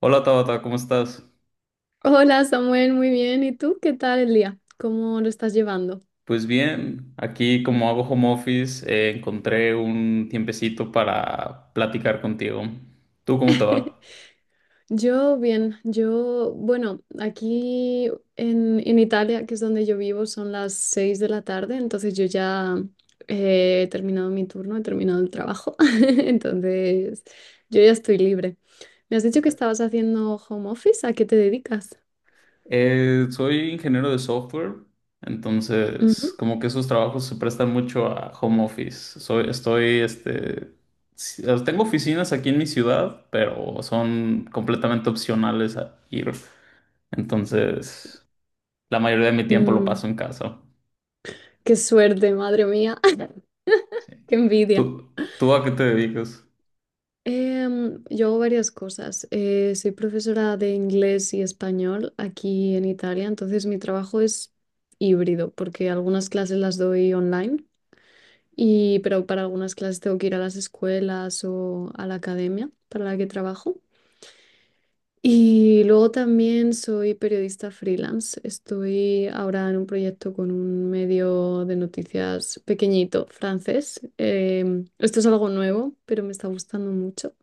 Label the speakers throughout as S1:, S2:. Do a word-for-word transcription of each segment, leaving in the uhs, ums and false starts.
S1: Hola Tabata, ¿cómo estás?
S2: Hola Samuel, muy bien. ¿Y tú qué tal el día? ¿Cómo lo estás llevando?
S1: Pues bien, aquí como hago home office, eh, encontré un tiempecito para platicar contigo. ¿Tú cómo te va?
S2: Yo bien, yo, bueno, aquí en, en Italia, que es donde yo vivo, son las seis de la tarde, entonces yo ya eh, he terminado mi turno, he terminado el trabajo, entonces yo ya estoy libre. Me has dicho que estabas haciendo home office, ¿a qué te dedicas?
S1: Eh, soy ingeniero de software, entonces
S2: Ujú.
S1: como que esos trabajos se prestan mucho a home office. Soy, estoy, este, si- tengo oficinas aquí en mi ciudad, pero son completamente opcionales a ir. Entonces, la mayoría de mi tiempo lo
S2: Mm,
S1: paso en casa.
S2: Qué suerte, madre mía,
S1: Sí.
S2: qué envidia.
S1: ¿Tú, tú a qué te dedicas?
S2: Em, yo hago varias cosas. Eh, soy profesora de inglés y español aquí en Italia, entonces mi trabajo es híbrido porque algunas clases las doy online, y, pero para algunas clases tengo que ir a las escuelas o a la academia para la que trabajo. Y luego también soy periodista freelance. Estoy ahora en un proyecto con un medio de noticias pequeñito francés. Em, esto es algo nuevo, pero me está gustando mucho.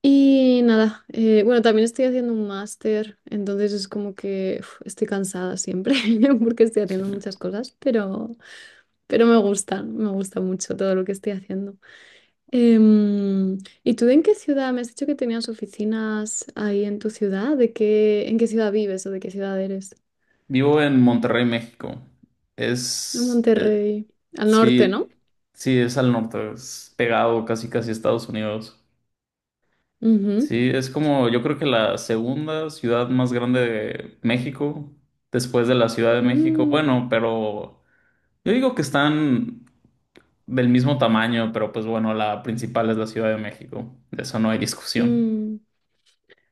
S2: Y nada, eh, bueno, también estoy haciendo un máster, entonces es como que uf, estoy cansada siempre porque estoy
S1: Sí.
S2: haciendo muchas cosas, pero, pero me gustan, me gusta mucho todo lo que estoy haciendo. Em, ¿Y tú en qué ciudad? Me has dicho que tenías oficinas ahí en tu ciudad, ¿de qué, en qué ciudad vives o de qué ciudad eres?
S1: Vivo en Monterrey, México.
S2: En
S1: Es, eh,
S2: Monterrey, al norte, ¿no?
S1: sí, sí, es al norte, es pegado casi casi a Estados Unidos.
S2: Ujú.
S1: Sí, es como yo creo que la segunda ciudad más grande de México, después de la Ciudad de México.
S2: Mm,
S1: Bueno, pero yo digo que están del mismo tamaño, pero pues bueno, la principal es la Ciudad de México. De eso no hay discusión.
S2: mm.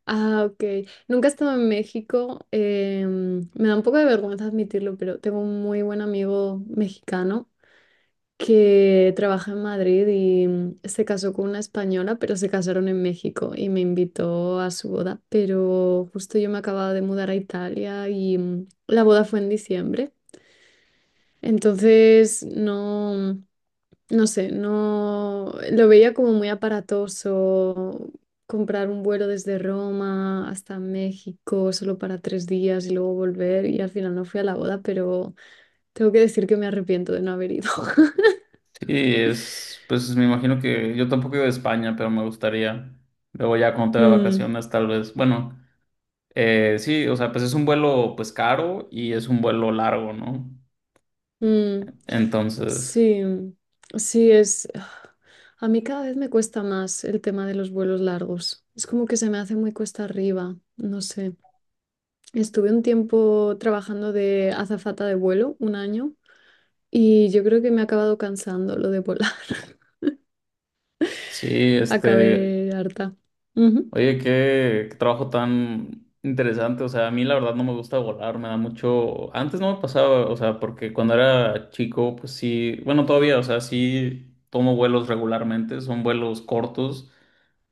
S2: Ah, ok. Nunca he estado en México. Em, me da un poco de vergüenza admitirlo, pero tengo un muy buen amigo mexicano que trabaja en Madrid y mm, se casó con una española, pero se casaron en México y me invitó a su boda. Pero justo yo me acababa de mudar a Italia y mm, la boda fue en diciembre. Entonces, no. Mm, no sé, no lo veía como muy aparatoso comprar un vuelo desde Roma hasta México solo para tres días y luego volver y al final no fui a la boda, pero tengo que decir que me arrepiento de no haber ido.
S1: Sí, es, pues me imagino que yo tampoco iba a España, pero me gustaría. Luego ya cuando tenga
S2: Mm,
S1: vacaciones, tal vez. Bueno, eh, sí, o sea, pues es un vuelo pues caro y es un vuelo largo, ¿no?
S2: mm.
S1: Entonces,
S2: Sí, sí, es. A mí cada vez me cuesta más el tema de los vuelos largos. Es como que se me hace muy cuesta arriba, no sé. Estuve un tiempo trabajando de azafata de vuelo, un año, y yo creo que me ha acabado cansando lo de volar.
S1: sí, este,
S2: Acabé harta. Ujú.
S1: oye, qué, qué trabajo tan interesante. O sea, a mí la verdad no me gusta volar, me da mucho. Antes no me pasaba, o sea, porque cuando era chico, pues sí, bueno, todavía, o sea, sí tomo vuelos regularmente, son vuelos cortos.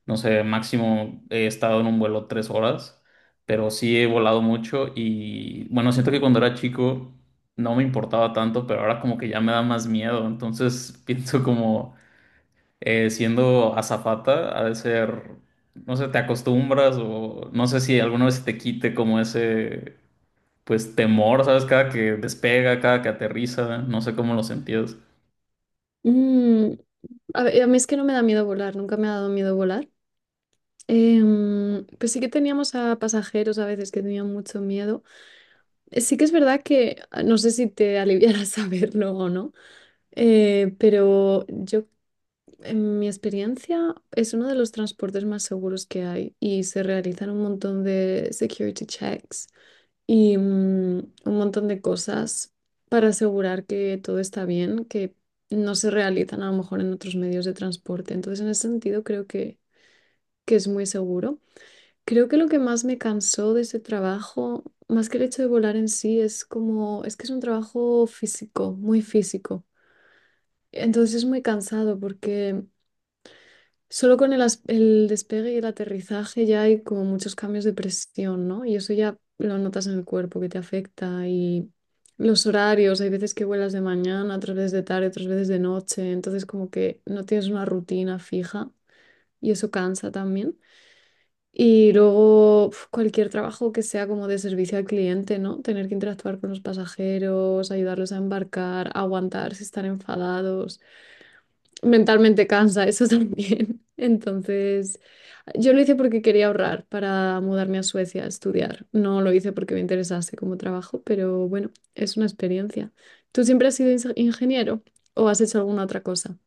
S1: No sé, máximo he estado en un vuelo tres horas, pero sí he volado mucho y bueno, siento que cuando era chico no me importaba tanto, pero ahora como que ya me da más miedo. Entonces pienso como eh, siendo azafata ha de ser, no sé, te acostumbras o no sé si alguna vez te quite como ese, pues temor, ¿sabes? Cada que despega, cada que aterriza, no sé cómo lo sentías.
S2: Mm, a ver, a mí es que no me da miedo volar, nunca me ha dado miedo volar. Em, pues sí que teníamos a pasajeros a veces que tenían mucho miedo. Eh, Sí que es verdad que ah, no sé si te aliviará saberlo o no, eh, pero yo, en mi experiencia, es uno de los transportes más seguros que hay y se realizan un montón de security checks. Y mm, un montón de cosas para asegurar que todo está bien, que no se realizan a lo mejor en otros medios de transporte. Entonces, en ese sentido, creo que, que es muy seguro. Creo que lo que más me cansó de ese trabajo, más que el hecho de volar en sí, es como, es que es un trabajo físico, muy físico. Entonces es muy cansado porque solo con el, as- el despegue y el aterrizaje ya hay como muchos cambios de presión, ¿no? Y eso ya lo notas en el cuerpo que te afecta y los horarios, hay veces que vuelas de mañana, otras veces de tarde, otras veces de noche, entonces como que no tienes una rutina fija y eso cansa también. Y luego uf, cualquier trabajo que sea como de servicio al cliente, ¿no? Tener que interactuar con los pasajeros, ayudarlos a embarcar, aguantar si están enfadados mentalmente cansa eso también. Entonces, yo lo hice porque quería ahorrar para mudarme a Suecia a estudiar. No lo hice porque me interesase como trabajo, pero bueno, es una experiencia. ¿Tú siempre has sido inse- ingeniero o has hecho alguna otra cosa?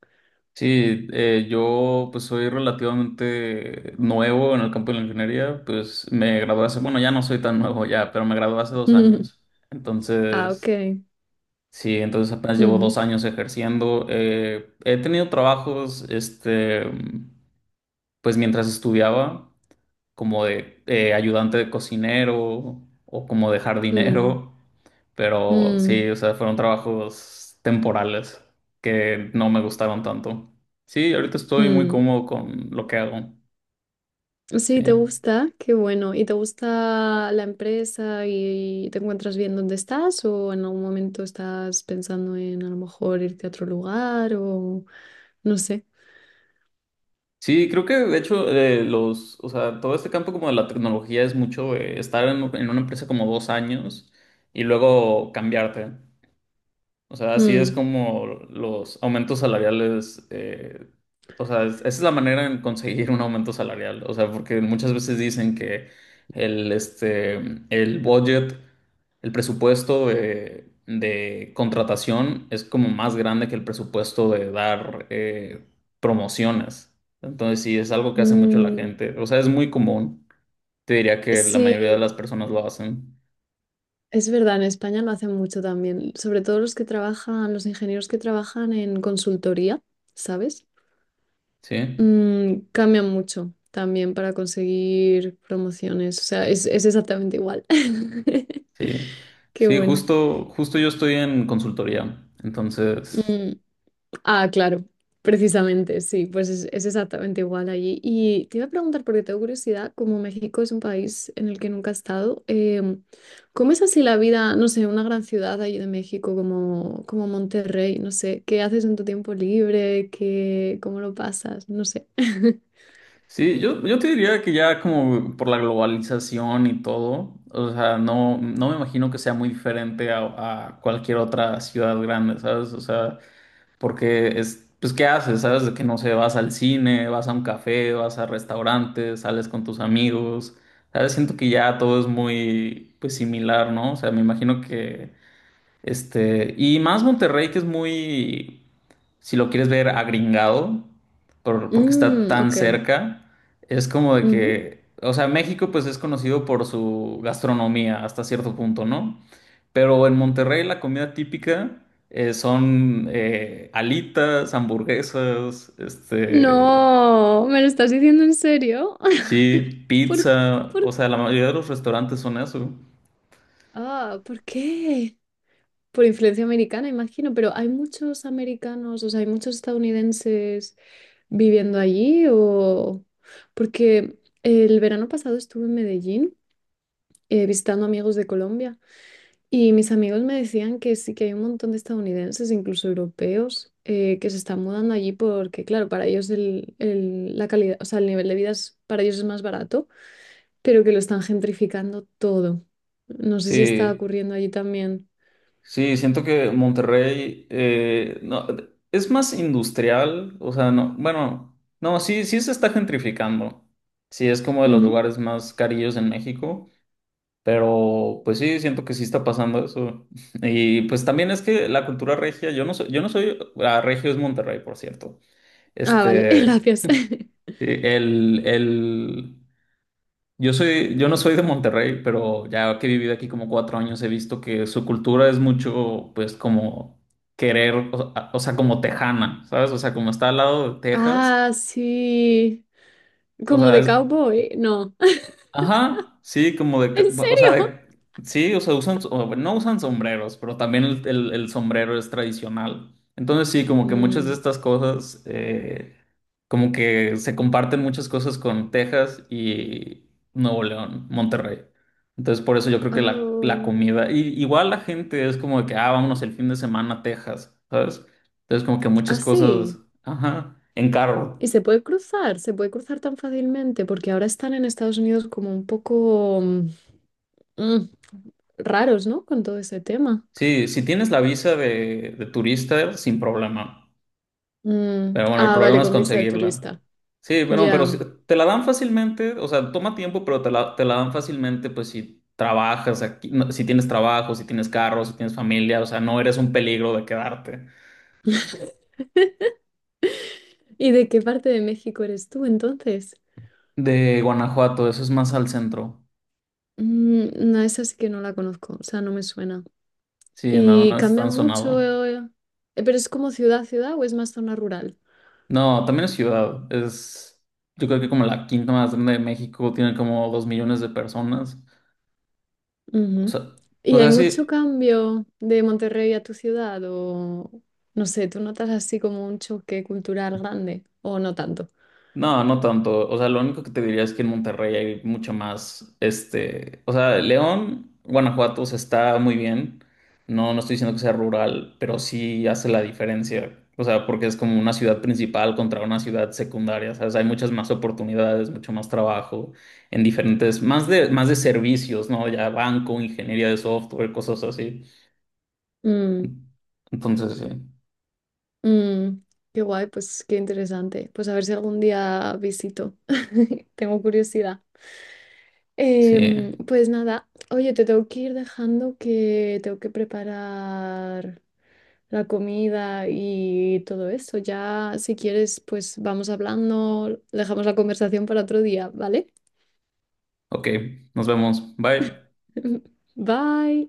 S1: Sí, eh, yo pues soy relativamente nuevo en el campo de la ingeniería, pues me gradué hace, bueno, ya no soy tan nuevo ya, pero me gradué hace dos años.
S2: Ah, ok.
S1: Entonces, sí, entonces apenas llevo dos
S2: Ujú.
S1: años ejerciendo. Eh, he tenido trabajos, este, pues mientras estudiaba como de eh, ayudante de cocinero o como de
S2: Mm,
S1: jardinero, pero
S2: mm,
S1: sí, o sea, fueron trabajos temporales que no me gustaron tanto. Sí, ahorita estoy muy
S2: mm.
S1: cómodo con lo que hago. Sí.
S2: Sí, te gusta, qué bueno. ¿Y te gusta la empresa y te encuentras bien donde estás o en algún momento estás pensando en a lo mejor irte a otro lugar o no sé?
S1: Sí, creo que de hecho eh, los, o sea, todo este campo como de la tecnología es mucho eh, estar en, en una empresa como dos años y luego cambiarte. O sea, así es
S2: Mm,
S1: como los aumentos salariales, eh, o sea, es- esa es la manera en conseguir un aumento salarial. O sea, porque muchas veces dicen que el, este, el budget, el presupuesto de, de contratación es como más grande que el presupuesto de dar eh, promociones. Entonces, sí, es algo que hace mucho la
S2: mm,
S1: gente. O sea, es muy común. Te diría que la
S2: sí.
S1: mayoría de las personas lo hacen,
S2: Es verdad, en España lo hacen mucho también, sobre todo los que trabajan, los ingenieros que trabajan en consultoría, ¿sabes?
S1: ¿sí?
S2: Mm, cambian mucho también para conseguir promociones, o sea, es, es exactamente igual.
S1: Sí,
S2: Qué
S1: sí,
S2: bueno.
S1: justo, justo yo estoy en consultoría. Entonces,
S2: Mm, Ah, claro, precisamente, sí, pues es, es exactamente igual allí. Y te iba a preguntar, porque tengo curiosidad, como México es un país en el que nunca he estado, em, ¿cómo es así la vida, no sé, en una gran ciudad allí de México como, como Monterrey? No sé, ¿qué haces en tu tiempo libre? ¿Qué, cómo lo pasas? No sé.
S1: sí, yo, yo te diría que ya como por la globalización y todo, o sea, no, no me imagino que sea muy diferente a, a cualquier otra ciudad grande, ¿sabes? O sea, porque es, pues, ¿qué haces? ¿Sabes? De que no sé, vas al cine, vas a un café, vas a restaurantes, sales con tus amigos, ¿sabes? Siento que ya todo es muy, pues, similar, ¿no? O sea, me imagino que, este, y más Monterrey que es muy... si lo quieres ver agringado, por- porque está
S2: Mm,
S1: tan
S2: ok.
S1: cerca, es como de
S2: Ujú.
S1: que, o sea, México pues es conocido por su gastronomía hasta cierto punto, ¿no? Pero en Monterrey la comida típica eh, son eh, alitas, hamburguesas, este,
S2: No, ¿me lo estás diciendo en serio?
S1: sí,
S2: ¿Por,
S1: pizza,
S2: por,
S1: o sea, la mayoría de los restaurantes son eso.
S2: ah, ¿Por qué? Por influencia americana, imagino, pero ¿hay muchos americanos, o sea, hay muchos estadounidenses viviendo allí o...? Porque el verano pasado estuve en Medellín eh, visitando amigos de Colombia y mis amigos me decían que sí que hay un montón de estadounidenses, incluso europeos, eh, que se están mudando allí porque, claro, para ellos el, el- la calidad, o sea, el nivel de vida es, para ellos es más barato, pero que lo están gentrificando todo. No sé si está
S1: Sí.
S2: ocurriendo allí también.
S1: Sí, siento que Monterrey eh, no, es más industrial, o sea, no, bueno, no, sí, sí se está gentrificando. Sí, es como de los
S2: Ujú.
S1: lugares más carillos en México, pero pues sí, siento que sí está pasando eso. Y pues también es que la cultura regia, yo no soy, yo no soy, ah, regio es Monterrey, por cierto.
S2: Ah, vale,
S1: Este,
S2: gracias.
S1: sí, el, el, yo soy, yo no soy de Monterrey, pero ya que he vivido aquí como cuatro años, he visto que su cultura es mucho, pues, como querer, o, o sea, como tejana, ¿sabes? O sea, como está al lado de Texas,
S2: Ah, sí.
S1: o
S2: Como
S1: sea,
S2: de
S1: es,
S2: cowboy. No.
S1: ajá, sí, como de, ca-
S2: ¿En
S1: o sea,
S2: serio?
S1: de- sí, o sea, usan, o bueno, no usan sombreros, pero también el, el- el sombrero es tradicional. Entonces sí, como que muchas de
S2: Mm.
S1: estas cosas, eh, como que se comparten muchas cosas con Texas y Nuevo León, Monterrey. Entonces por eso yo creo que la, la
S2: Oh.
S1: comida, y, igual la gente es como de que, ah, vámonos el fin de semana a Texas, ¿sabes? Entonces como que muchas
S2: Ah, sí.
S1: cosas, ajá, en carro.
S2: Y se puede cruzar, se puede cruzar tan fácilmente porque ahora están en Estados Unidos como un poco mm, mm, raros, ¿no? Con todo ese tema.
S1: Sí, si tienes la visa de, de turista, sin problema.
S2: Mm,
S1: Pero bueno, el
S2: Ah,
S1: problema
S2: vale,
S1: es
S2: con visa de
S1: conseguirla.
S2: turista.
S1: Sí, bueno, pero si
S2: Ya.
S1: te la dan fácilmente, o sea, toma tiempo, pero te la, te la dan fácilmente, pues si trabajas aquí, no, si tienes trabajo, si tienes carro, si tienes familia, o sea, no eres un peligro de quedarte.
S2: ¿Y de qué parte de México eres tú entonces?
S1: De Guanajuato, eso es más al centro.
S2: Mm, no, esa sí que no la conozco, o sea, no me suena.
S1: Sí, no,
S2: Y
S1: no es
S2: cambia
S1: tan sonado.
S2: mucho, eh, eh, pero es como ciudad a ciudad o es más zona rural.
S1: No, también es ciudad, es, yo creo que como la quinta más grande de México, tiene como dos millones de personas. O
S2: Ujú.
S1: sea, o
S2: Y hay
S1: sea,
S2: mucho
S1: sí,
S2: cambio de Monterrey a tu ciudad o no sé, ¿tú notas así como un choque cultural grande o no tanto?
S1: no, no tanto. O sea, lo único que te diría es que en Monterrey hay mucho más, este, o sea, León, Guanajuato, o sea, está muy bien. No, no estoy diciendo que sea rural, pero sí hace la diferencia. O sea, porque es como una ciudad principal contra una ciudad secundaria. ¿Sabes? Hay muchas más oportunidades, mucho más trabajo en diferentes, más de, más de servicios, ¿no? Ya banco, ingeniería de software, cosas así.
S2: Mm,
S1: Entonces, sí.
S2: mm, Qué guay, pues qué interesante. Pues a ver si algún día visito. Tengo curiosidad.
S1: Sí.
S2: Em, pues nada, oye, te tengo que ir dejando que tengo que preparar la comida y todo eso. Ya, si quieres, pues vamos hablando, dejamos la conversación para otro día, ¿vale?
S1: Ok, nos vemos. Bye.
S2: Bye.